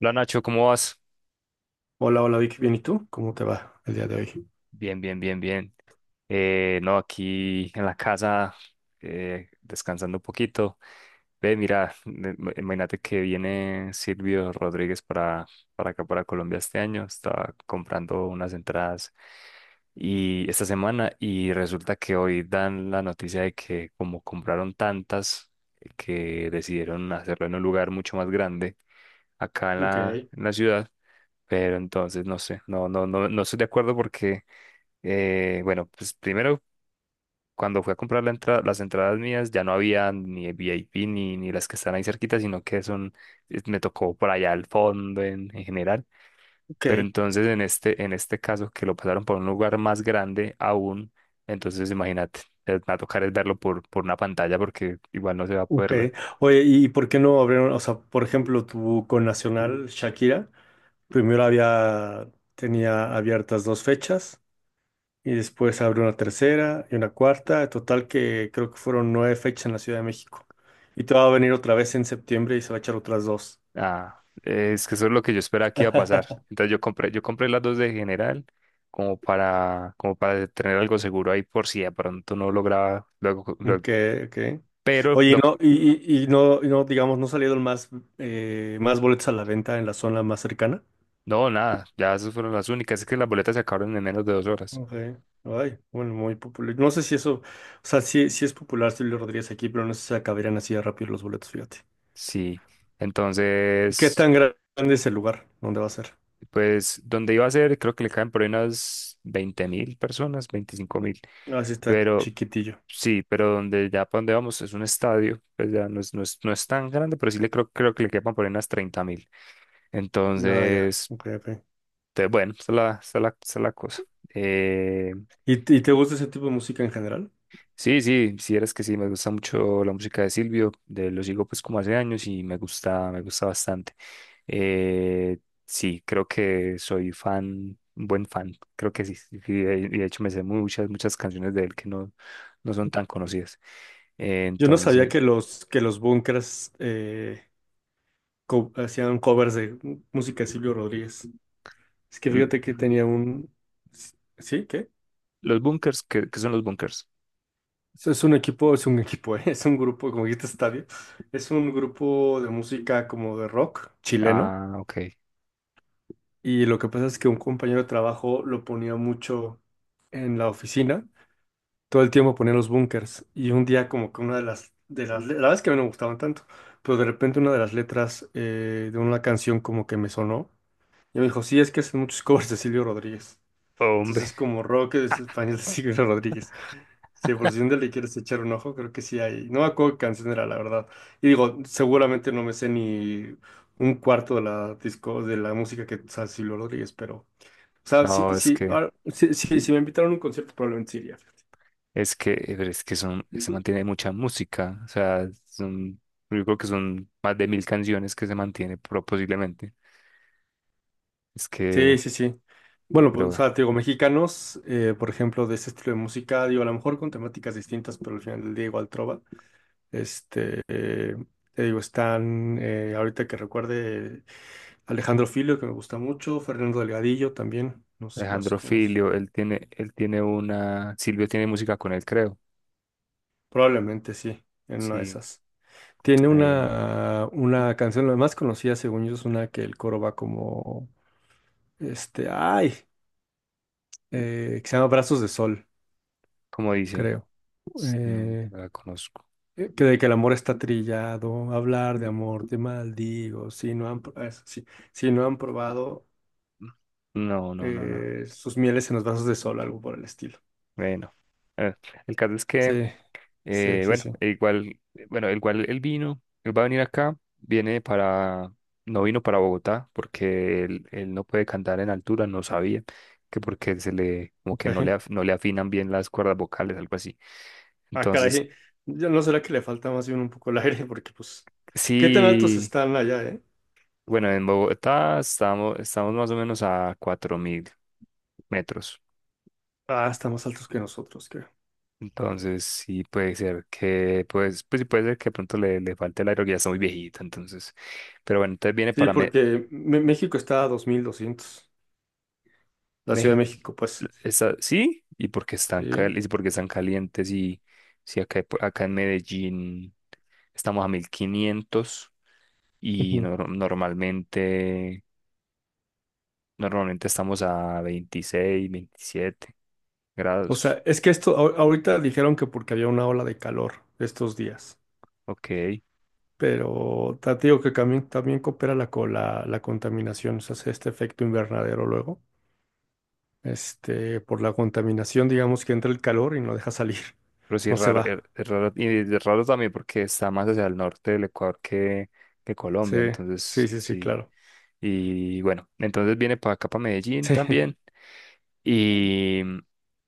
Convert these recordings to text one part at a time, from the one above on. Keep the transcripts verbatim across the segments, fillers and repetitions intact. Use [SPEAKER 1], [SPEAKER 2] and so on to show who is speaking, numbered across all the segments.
[SPEAKER 1] Hola Nacho, ¿cómo vas?
[SPEAKER 2] Hola, hola Vic, bien, ¿y tú? ¿Cómo te va el día de hoy?
[SPEAKER 1] Bien, bien, bien, bien. Eh, no, aquí en la casa, eh, descansando un poquito. Ve, mira, me- me- imagínate que viene Silvio Rodríguez para, para acá, para Colombia este año. Estaba comprando unas entradas y esta semana y resulta que hoy dan la noticia de que como compraron tantas, que decidieron hacerlo en un lugar mucho más grande acá en
[SPEAKER 2] Ok,
[SPEAKER 1] la, en la ciudad. Pero entonces, no sé, no, no, no, no estoy de acuerdo porque, eh, bueno, pues primero, cuando fui a comprar la entrada, las entradas mías, ya no había ni V I P ni, ni las que están ahí cerquita, sino que son, eh, me tocó por allá al fondo en, en general.
[SPEAKER 2] ok.
[SPEAKER 1] Pero entonces, en este, en este caso, que lo pasaron por un lugar más grande aún, entonces imagínate, eh, me va a tocar es verlo por, por una pantalla porque igual no se va a
[SPEAKER 2] Ok.
[SPEAKER 1] poder ver.
[SPEAKER 2] Oye, ¿y por qué no abrieron? O sea, por ejemplo, tu connacional Shakira, primero había, tenía abiertas dos fechas y después abrió una tercera y una cuarta, en total que creo que fueron nueve fechas en la Ciudad de México. Y te va a venir otra vez en septiembre y se va a echar otras dos.
[SPEAKER 1] Ah, es que eso es lo que yo esperaba que iba a pasar. Entonces yo compré, yo compré las dos de general como para, como para tener algo seguro ahí por si de pronto no lograba luego, luego-
[SPEAKER 2] Ok, ok.
[SPEAKER 1] pero
[SPEAKER 2] Oye, y
[SPEAKER 1] lo,
[SPEAKER 2] no, y, y- y no, y no, digamos, no salieron más, eh, más boletos a la venta en la zona más cercana.
[SPEAKER 1] no, nada, ya esas fueron las únicas. Es que las boletas se acabaron en menos de dos horas.
[SPEAKER 2] Ok. Ay, bueno, muy popular. No sé si eso, o sea, sí, sí es popular Silvio Rodríguez aquí, pero no sé si acabarían así de rápido los boletos, fíjate.
[SPEAKER 1] Sí.
[SPEAKER 2] ¿Y qué
[SPEAKER 1] Entonces,
[SPEAKER 2] tan grande es el lugar donde va a ser?
[SPEAKER 1] pues donde iba a ser, creo que le caen por ahí unas veinte mil personas, veinticinco mil.
[SPEAKER 2] Ah, sí está
[SPEAKER 1] Pero
[SPEAKER 2] chiquitillo.
[SPEAKER 1] sí, pero donde ya para donde vamos es un estadio, pues ya no es, no es, no es tan grande, pero sí le creo, creo que le quepan por ahí unas treinta mil.
[SPEAKER 2] Ah, ya.
[SPEAKER 1] Entonces,
[SPEAKER 2] Ok, ok.
[SPEAKER 1] te- bueno, esa es la, esa es la, esa es la cosa. Eh,
[SPEAKER 2] ¿Y, t- y
[SPEAKER 1] y-
[SPEAKER 2] te gusta ese tipo de música en general?
[SPEAKER 1] sí, sí, si eres que sí, me gusta mucho la música de Silvio, de, lo sigo pues como hace años y me gusta, me gusta bastante. Eh, sí, creo que soy fan, un buen fan, creo que sí, sí, y de, y de hecho me sé muchas, muchas canciones de él que no, no son tan conocidas. Eh,
[SPEAKER 2] Yo no sabía que
[SPEAKER 1] entonces,
[SPEAKER 2] los, que los Bunkers eh, co- hacían covers de música de Silvio Rodríguez. Es que
[SPEAKER 1] l-
[SPEAKER 2] fíjate que tenía un... ¿Sí? ¿Qué?
[SPEAKER 1] los bunkers, ¿qué, ¿qué son los bunkers?
[SPEAKER 2] Es es un equipo, es un equipo, es un grupo, como dijiste, estadio. Es un grupo de música como de rock chileno.
[SPEAKER 1] Ah, ok.
[SPEAKER 2] Y lo que pasa es que un compañero de trabajo lo ponía mucho en la oficina. Todo el tiempo ponía los Bunkers. Y un día como que una de las, de las, le- la verdad es que a mí no me gustaban tanto. Pero de repente una de las letras eh, de una canción como que me sonó. Y me dijo, sí, es que hacen muchos covers de Silvio Rodríguez.
[SPEAKER 1] Hombre,
[SPEAKER 2] Entonces como rock es español de Silvio Rodríguez. Sí, por si un día le quieres echar un ojo, creo que sí hay. No me acuerdo qué canción era, la verdad. Y digo, seguramente no me sé ni un cuarto de la disco, de la música que sabe Silvio Rodríguez, pero. O sea, sí,
[SPEAKER 1] no, es
[SPEAKER 2] sí,
[SPEAKER 1] que...
[SPEAKER 2] ahora- sí, sí, si me invitaron a un concierto, probablemente sí iría.
[SPEAKER 1] Es que, eh, pero es que son, se mantiene mucha música, o sea, son, yo creo que son más de mil canciones que se mantiene pro- posiblemente. Es
[SPEAKER 2] Sí,
[SPEAKER 1] que,
[SPEAKER 2] sí, sí. Bueno, pues, o
[SPEAKER 1] pero
[SPEAKER 2] sea, te digo, mexicanos, eh, por ejemplo, de ese estilo de música, digo, a lo mejor con temáticas distintas, pero al final del día igual trova. Este, eh, te digo, están, eh, ahorita que recuerde, Alejandro Filio, que me gusta mucho, Fernando Delgadillo también, no sé si los
[SPEAKER 1] Alejandro
[SPEAKER 2] conoces.
[SPEAKER 1] Filio, él tiene, él tiene una, Silvio tiene música con él, creo.
[SPEAKER 2] Probablemente sí, en una de
[SPEAKER 1] Sí,
[SPEAKER 2] esas. Tiene
[SPEAKER 1] eh,
[SPEAKER 2] una, una canción, la más conocida, según yo, es una que el coro va como, este, ay, eh, que se llama Brazos de Sol,
[SPEAKER 1] ¿cómo dice?
[SPEAKER 2] creo.
[SPEAKER 1] S- No,
[SPEAKER 2] Eh,
[SPEAKER 1] no la conozco.
[SPEAKER 2] eh, que de que el amor está trillado, hablar de amor, te maldigo, si no han, pro- ah, es- sí, si no han probado.
[SPEAKER 1] No, no, no, no.
[SPEAKER 2] Eh, sus mieles en los brazos de sol, algo por el estilo.
[SPEAKER 1] Bueno, eh, el caso es que.
[SPEAKER 2] Sí, sí,
[SPEAKER 1] Eh,
[SPEAKER 2] sí,
[SPEAKER 1] bueno,
[SPEAKER 2] sí.
[SPEAKER 1] el cual, bueno, el cual él vino, él va a venir acá, viene para, no vino para Bogotá, porque él, él no puede cantar en altura, no sabía, que porque se le, como que no le,
[SPEAKER 2] Ok.
[SPEAKER 1] af- no le afinan bien las cuerdas vocales, algo así.
[SPEAKER 2] Ah,
[SPEAKER 1] Entonces,
[SPEAKER 2] caray. Yo no será que le falta más bien un poco el aire, porque pues, ¿qué tan altos
[SPEAKER 1] sí,
[SPEAKER 2] están allá, eh?
[SPEAKER 1] bueno, en Bogotá estamos, estamos más o menos a cuatro mil metros.
[SPEAKER 2] Ah, están más altos que nosotros, creo.
[SPEAKER 1] Entonces, sí puede ser que, pues, pues sí puede ser que de pronto le, le falte el aire, porque ya está muy viejito, entonces. Pero bueno, entonces viene
[SPEAKER 2] Sí,
[SPEAKER 1] para
[SPEAKER 2] porque Me- México está a dos mil doscientos la Ciudad de
[SPEAKER 1] México.
[SPEAKER 2] México, pues.
[SPEAKER 1] Esa- sí, y porque están,
[SPEAKER 2] Sí.
[SPEAKER 1] cal- y porque están calientes y si acá, acá en Medellín estamos a mil quinientos y
[SPEAKER 2] Ujú.
[SPEAKER 1] nor- normalmente, normalmente estamos a veintiséis veintisiete
[SPEAKER 2] O
[SPEAKER 1] grados.
[SPEAKER 2] sea, es que esto, ahor- ahorita dijeron que porque había una ola de calor estos días,
[SPEAKER 1] Ok.
[SPEAKER 2] pero ta- te digo que también, también coopera la, co- la, la contaminación, o sea, hace este efecto invernadero luego. Este, por la contaminación, digamos que entra el calor y no deja salir,
[SPEAKER 1] Pero sí,
[SPEAKER 2] no
[SPEAKER 1] es
[SPEAKER 2] se
[SPEAKER 1] raro, es
[SPEAKER 2] va.
[SPEAKER 1] es raro, y es raro también porque está más hacia el norte del Ecuador que, que
[SPEAKER 2] Sí,
[SPEAKER 1] Colombia,
[SPEAKER 2] sí,
[SPEAKER 1] entonces
[SPEAKER 2] sí, sí,
[SPEAKER 1] sí.
[SPEAKER 2] claro.
[SPEAKER 1] Y bueno, entonces viene para acá, para Medellín
[SPEAKER 2] Sí,
[SPEAKER 1] también, y,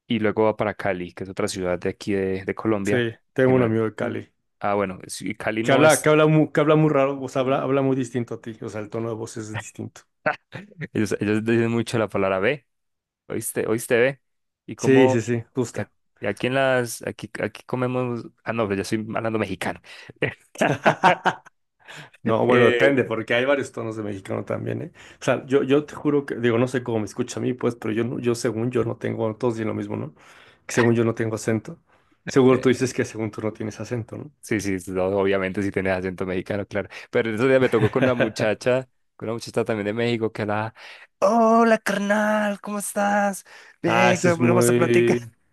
[SPEAKER 1] y luego va para Cali, que es otra ciudad de aquí de, de
[SPEAKER 2] sí,
[SPEAKER 1] Colombia, que
[SPEAKER 2] tengo un
[SPEAKER 1] no,
[SPEAKER 2] amigo de Cali
[SPEAKER 1] ah, bueno, sí, Cali
[SPEAKER 2] que
[SPEAKER 1] no
[SPEAKER 2] habla, que
[SPEAKER 1] es,
[SPEAKER 2] habla muy, que habla muy raro, o sea, habla, habla muy distinto a ti, o sea, el tono de voz es distinto.
[SPEAKER 1] ellos, ellos dicen mucho la palabra B, ¿oíste? ¿Oíste B? Y
[SPEAKER 2] Sí, sí,
[SPEAKER 1] como,
[SPEAKER 2] sí,
[SPEAKER 1] y
[SPEAKER 2] justo.
[SPEAKER 1] ac- y aquí en las, aquí, aquí comemos, ah, no, pero yo soy hablando mexicano.
[SPEAKER 2] No, bueno, depende, porque hay varios tonos de mexicano también, ¿eh? O sea, yo, yo te juro que, digo, no sé cómo me escucha a mí, pues, pero yo, no- yo según yo no tengo, todos dicen lo mismo, ¿no? Que según yo no tengo acento. Seguro tú
[SPEAKER 1] Eh,
[SPEAKER 2] dices que según tú no tienes acento, ¿no?
[SPEAKER 1] Sí, sí, sí, no, obviamente si tienes acento mexicano, claro. Pero eso día me tocó con una muchacha, con una muchacha también de México que la... Hola, carnal, ¿cómo estás?
[SPEAKER 2] Ah,
[SPEAKER 1] Ven,
[SPEAKER 2] eso
[SPEAKER 1] que
[SPEAKER 2] es
[SPEAKER 1] vamos a platicar.
[SPEAKER 2] muy,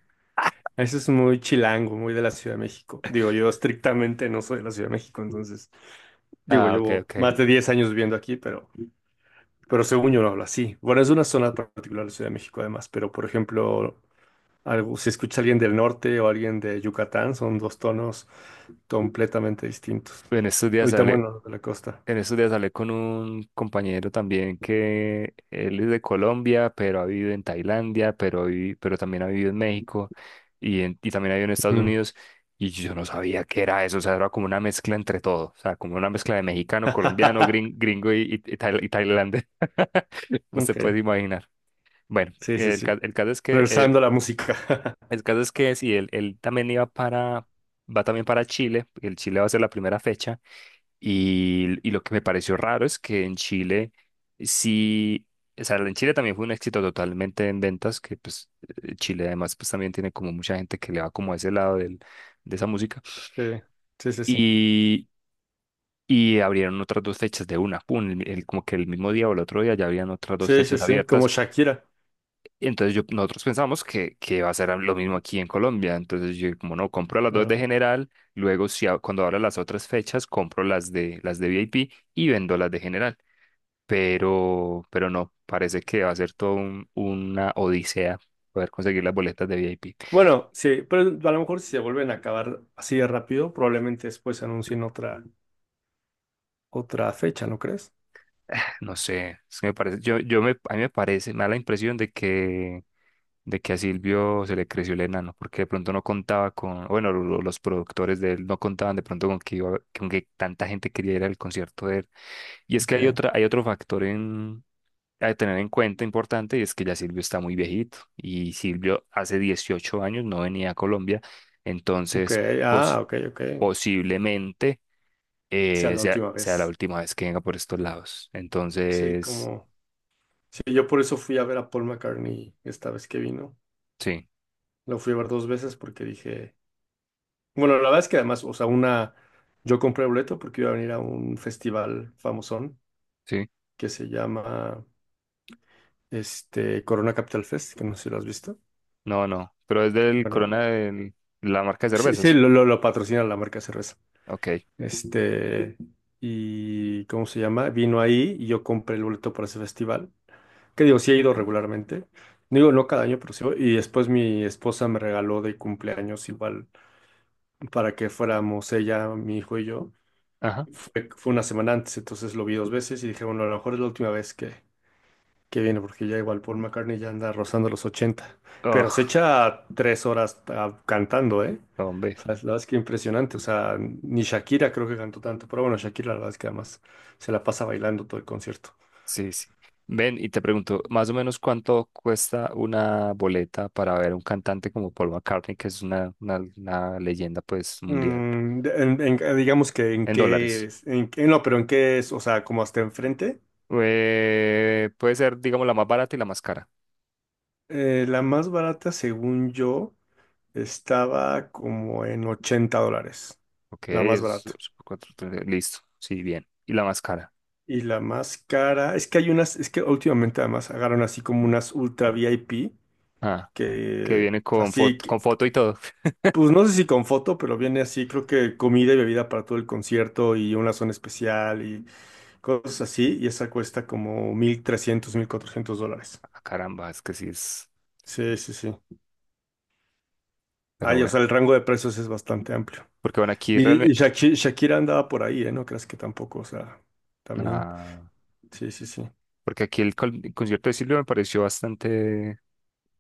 [SPEAKER 2] eso es muy chilango, muy de la Ciudad de México. Digo, yo estrictamente no soy de la Ciudad de México, entonces, digo,
[SPEAKER 1] Ah, ok,
[SPEAKER 2] llevo
[SPEAKER 1] ok.
[SPEAKER 2] más de diez años viviendo aquí, pero, pero según yo no hablo así. Bueno, es una zona particular de la Ciudad de México además, pero por ejemplo, algo, si escucha alguien del norte o alguien de Yucatán, son dos tonos completamente distintos.
[SPEAKER 1] Bueno, estos días
[SPEAKER 2] Ahorita,
[SPEAKER 1] hablé,
[SPEAKER 2] bueno, de la costa.
[SPEAKER 1] En estos días hablé con un compañero también que él es de Colombia, pero ha vivido en Tailandia, pero, vi- pero también ha vivido en México y, en- y también ha vivido en Estados
[SPEAKER 2] Mm.
[SPEAKER 1] Unidos. Y yo no sabía qué era eso, o sea, era como una mezcla entre todo, o sea, como una mezcla de mexicano, colombiano, grin- gringo y, y, y tail- y tailandés. No se
[SPEAKER 2] Ok,
[SPEAKER 1] puede imaginar. Bueno,
[SPEAKER 2] sí, sí,
[SPEAKER 1] el,
[SPEAKER 2] sí.
[SPEAKER 1] ca- el caso es que, eh,
[SPEAKER 2] Regresando a la música.
[SPEAKER 1] el caso es que sí, él, él también iba para, va también para Chile. El Chile va a ser la primera fecha. Y, y lo que me pareció raro es que en Chile sí, o sea, en Chile también fue un éxito totalmente en ventas, que pues eh, Chile además pues también tiene como mucha gente que le va como a ese lado del, de esa música.
[SPEAKER 2] Sí, sí, sí, sí.
[SPEAKER 1] Y, y abrieron otras dos fechas de una, pum, el- el- como que el mismo día o el otro día ya habían otras dos
[SPEAKER 2] Sí, sí,
[SPEAKER 1] fechas
[SPEAKER 2] sí, como
[SPEAKER 1] abiertas.
[SPEAKER 2] Shakira.
[SPEAKER 1] Entonces yo, nosotros pensamos que, que va a ser lo mismo aquí en Colombia. Entonces yo como no, compro las dos de
[SPEAKER 2] Claro.
[SPEAKER 1] general, luego si, a- cuando abra las otras fechas, compro las de, las de V I P y vendo las de general. pero, pero no, parece que va a ser todo un- una odisea poder conseguir las boletas de V I P.
[SPEAKER 2] Bueno, sí, pero a lo mejor si se vuelven a acabar así de rápido, probablemente después anuncien otra, otra fecha, ¿no crees?
[SPEAKER 1] No sé, es que me parece, yo, yo me, a mí me parece, me da la impresión de que, de que a Silvio se le creció el enano, porque de pronto no contaba con, bueno, lo- lo- los productores de él no contaban de pronto con que iba, con que tanta gente quería ir al concierto de él. Y es
[SPEAKER 2] Ok,
[SPEAKER 1] que hay otra, hay otro factor a tener en cuenta importante es que ya Silvio está muy viejito y Silvio hace dieciocho años no venía a Colombia,
[SPEAKER 2] ok,
[SPEAKER 1] entonces
[SPEAKER 2] ah,
[SPEAKER 1] pos-
[SPEAKER 2] ok, ok.
[SPEAKER 1] posiblemente
[SPEAKER 2] Sea
[SPEAKER 1] eh,
[SPEAKER 2] la
[SPEAKER 1] sea,
[SPEAKER 2] última
[SPEAKER 1] sea la
[SPEAKER 2] vez.
[SPEAKER 1] última vez que venga por estos lados.
[SPEAKER 2] Sí,
[SPEAKER 1] Entonces,
[SPEAKER 2] como. Sí, yo por eso fui a ver a Paul McCartney esta vez que vino.
[SPEAKER 1] sí,
[SPEAKER 2] Lo fui a ver dos veces porque dije. Bueno, la verdad es que además, o sea, una. Yo compré boleto porque iba a venir a un festival famosón
[SPEAKER 1] sí,
[SPEAKER 2] que se llama este Corona Capital Fest, que no sé si lo has visto.
[SPEAKER 1] no, no, pero es del
[SPEAKER 2] Bueno,
[SPEAKER 1] Corona, del- la marca de
[SPEAKER 2] sí, sí,
[SPEAKER 1] cervezas.
[SPEAKER 2] lo, lo, lo patrocina la marca cerveza.
[SPEAKER 1] Ok,
[SPEAKER 2] Este, y ¿cómo se llama? Vino ahí y yo compré el boleto para ese festival. Que digo, sí he ido regularmente. No digo, no cada año, pero sí, voy. Y después mi esposa me regaló de cumpleaños igual para que fuéramos ella, mi hijo y yo.
[SPEAKER 1] ajá.
[SPEAKER 2] Fue, fue una semana antes, entonces lo vi dos veces y dije, bueno, a lo mejor es la última vez que qué viene, porque ya igual Paul McCartney ya anda rozando los ochenta. Pero se
[SPEAKER 1] Ugh,
[SPEAKER 2] echa tres horas ah, cantando, ¿eh?
[SPEAKER 1] hombre.
[SPEAKER 2] O sea, la verdad es que impresionante. O sea, ni Shakira creo que cantó tanto. Pero bueno, Shakira la verdad es que además se la pasa bailando todo el concierto.
[SPEAKER 1] Sí, sí. Ven, y te pregunto, más o menos cuánto cuesta una boleta para ver un cantante como Paul McCartney, que es una, una, una leyenda pues mundial,
[SPEAKER 2] Mm, de- en- en- eh, digamos que en
[SPEAKER 1] en
[SPEAKER 2] qué
[SPEAKER 1] dólares.
[SPEAKER 2] es, en, qué- no, pero en qué es, o sea, como hasta enfrente.
[SPEAKER 1] Eh, puede ser, digamos, la más barata y la más cara.
[SPEAKER 2] Eh, la más barata, según yo, estaba como en ochenta dólares.
[SPEAKER 1] Ok,
[SPEAKER 2] La más
[SPEAKER 1] es,
[SPEAKER 2] barata.
[SPEAKER 1] es cuatro, tres, listo, sí, bien. Y la más cara.
[SPEAKER 2] Y la más cara, es que hay unas, es que últimamente además agarran así como unas ultra V I P,
[SPEAKER 1] Ah, que
[SPEAKER 2] que
[SPEAKER 1] viene con
[SPEAKER 2] así,
[SPEAKER 1] foto,
[SPEAKER 2] que-
[SPEAKER 1] con foto y todo.
[SPEAKER 2] pues no sé si con foto, pero viene así, creo que comida y bebida para todo el concierto y una zona especial y cosas así, y esa cuesta como mil trescientos, mil cuatrocientos dólares.
[SPEAKER 1] Ah, caramba, es que sí es,
[SPEAKER 2] Sí, sí, sí.
[SPEAKER 1] pero
[SPEAKER 2] Ay, o
[SPEAKER 1] bueno.
[SPEAKER 2] sea, el rango de precios es bastante amplio.
[SPEAKER 1] Porque bueno, aquí
[SPEAKER 2] Y, y
[SPEAKER 1] realmente,
[SPEAKER 2] Shaki- Shakira andaba por ahí, ¿eh? No creas que tampoco, o sea, también,
[SPEAKER 1] ah,
[SPEAKER 2] sí, sí, sí.
[SPEAKER 1] porque aquí el, con- el concierto de Silvio me pareció bastante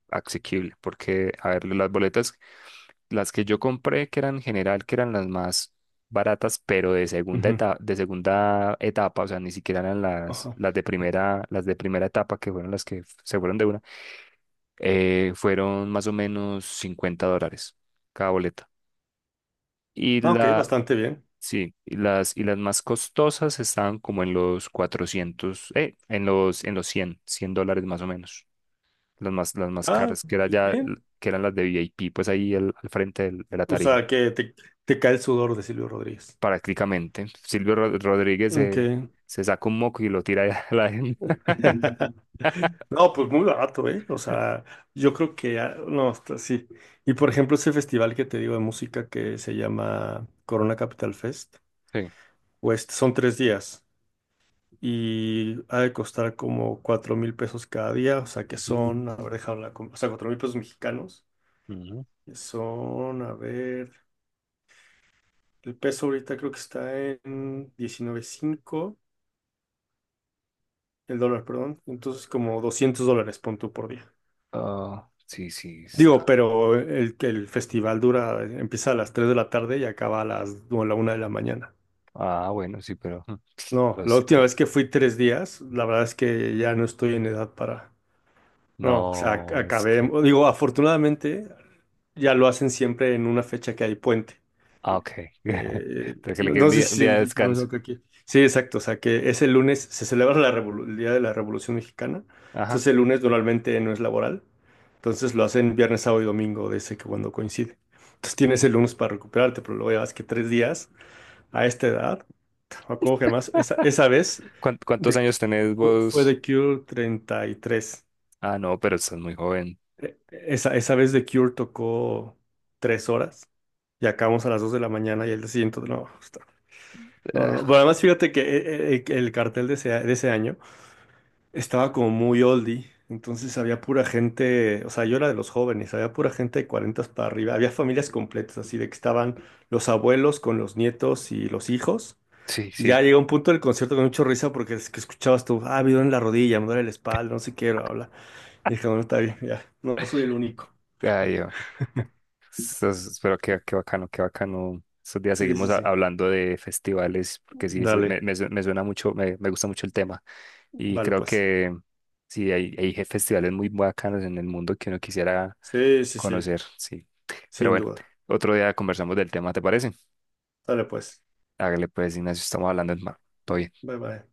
[SPEAKER 1] asequible, porque, a ver, las boletas, las que yo compré, que eran en general, que eran las más baratas, pero de segunda
[SPEAKER 2] Ujú,
[SPEAKER 1] etapa, de segunda etapa, o sea, ni siquiera eran las,
[SPEAKER 2] ajá.
[SPEAKER 1] las de primera, las de primera etapa, que fueron las que f- se fueron de una, eh, fueron más o menos cincuenta dólares cada boleta. Y
[SPEAKER 2] Ah, ok,
[SPEAKER 1] la,
[SPEAKER 2] bastante bien.
[SPEAKER 1] sí, y las, y las más costosas estaban como en los cuatrocientos eh, en los, en los cien cien dólares más o menos. las más, las más
[SPEAKER 2] Ah,
[SPEAKER 1] caras, que era
[SPEAKER 2] pues
[SPEAKER 1] ya,
[SPEAKER 2] bien.
[SPEAKER 1] que eran las de V I P pues ahí el al frente del- de la
[SPEAKER 2] O
[SPEAKER 1] tarima,
[SPEAKER 2] sea, que te, te cae el sudor de Silvio Rodríguez.
[SPEAKER 1] prácticamente. Silvio Ro- Rodríguez se,
[SPEAKER 2] Okay.
[SPEAKER 1] se saca un moco y lo tira allá a la gente.
[SPEAKER 2] No, pues muy barato, ¿eh? O sea, yo creo que, ah, no, hasta sí. Y por ejemplo, ese festival que te digo de música que se llama Corona Capital Fest,
[SPEAKER 1] Sí.
[SPEAKER 2] pues son tres días y ha de costar como cuatro mil pesos cada día. O sea, que son. A ver, déjame la. com- o sea, cuatro mil pesos mexicanos.
[SPEAKER 1] Ujú.
[SPEAKER 2] Que son, a ver. El peso ahorita creo que está en diecinueve punto cinco. El dólar, perdón. Entonces, como doscientos dólares, pon tú, por día.
[SPEAKER 1] Ah, sí, sí,
[SPEAKER 2] Digo,
[SPEAKER 1] está.
[SPEAKER 2] pero el, el festival dura, empieza a las tres de la tarde y acaba a las o a la una de la mañana.
[SPEAKER 1] Ah, bueno, sí, pero, ujú.
[SPEAKER 2] No,
[SPEAKER 1] pero
[SPEAKER 2] la
[SPEAKER 1] es
[SPEAKER 2] última
[SPEAKER 1] tra-
[SPEAKER 2] vez que fui tres días, la verdad es que ya no estoy en edad para... No, o sea, ac-
[SPEAKER 1] No, es
[SPEAKER 2] acabé...
[SPEAKER 1] que.
[SPEAKER 2] Digo, afortunadamente ya lo hacen siempre en una fecha que hay puente.
[SPEAKER 1] Ah, ok.
[SPEAKER 2] Eh,
[SPEAKER 1] Pero que le
[SPEAKER 2] no
[SPEAKER 1] quede un
[SPEAKER 2] no sé
[SPEAKER 1] día, un
[SPEAKER 2] si
[SPEAKER 1] día de
[SPEAKER 2] sí, lo
[SPEAKER 1] descanso.
[SPEAKER 2] mismo que aquí. Sí, exacto. O sea, que ese lunes se celebra la revolu- el Día de la Revolución Mexicana.
[SPEAKER 1] Ajá.
[SPEAKER 2] Entonces, el lunes normalmente no es laboral. Entonces, lo hacen viernes, sábado y domingo, de ese que cuando coincide. Entonces, tienes el lunes para recuperarte, pero luego ya ves que tres días a esta edad. Me acuerdo que además, esa, esa vez
[SPEAKER 1] ¿Cuán- ¿Cuántos
[SPEAKER 2] de,
[SPEAKER 1] años tenés
[SPEAKER 2] fue fue
[SPEAKER 1] vos?
[SPEAKER 2] de Cure treinta y tres.
[SPEAKER 1] Ah, no, pero estás muy joven.
[SPEAKER 2] Eh, Esa, esa vez de Cure tocó tres horas y acabamos a las dos de la mañana y el día siguiente, no. No, no, no. Pero
[SPEAKER 1] Ah,
[SPEAKER 2] además fíjate que eh, eh, eh, el cartel de ese, de ese año estaba como muy oldie, entonces había pura gente, o sea, yo era de los jóvenes, había pura gente de cuarenta para arriba, había familias completas, así de que estaban los abuelos con los nietos y los hijos.
[SPEAKER 1] sí,
[SPEAKER 2] Y ya
[SPEAKER 1] sí.
[SPEAKER 2] llegó un punto del concierto con mucha risa porque es que escuchabas tú, ah, me duele la rodilla, me duele la espalda, no sé qué, bla, bla. Y dije, bueno, está bien, ya, no no soy el único.
[SPEAKER 1] Ay, entonces, pero qué, qué bacano, qué bacano. Estos días
[SPEAKER 2] Sí,
[SPEAKER 1] seguimos
[SPEAKER 2] sí,
[SPEAKER 1] a-
[SPEAKER 2] sí.
[SPEAKER 1] hablando de festivales, porque sí, se- me,
[SPEAKER 2] Dale,
[SPEAKER 1] me su- me suena mucho, me, me gusta mucho el tema. Y
[SPEAKER 2] vale
[SPEAKER 1] creo
[SPEAKER 2] pues.
[SPEAKER 1] que sí, hay, hay je- festivales muy bacanos en el mundo que uno quisiera
[SPEAKER 2] Sí, sí, sí,
[SPEAKER 1] conocer, sí. Pero
[SPEAKER 2] sin
[SPEAKER 1] bueno,
[SPEAKER 2] duda.
[SPEAKER 1] otro día conversamos del tema, ¿te parece?
[SPEAKER 2] Dale pues.
[SPEAKER 1] Hágale pues, Ignacio, estamos hablando en mar. Todo bien.
[SPEAKER 2] Bye, bye.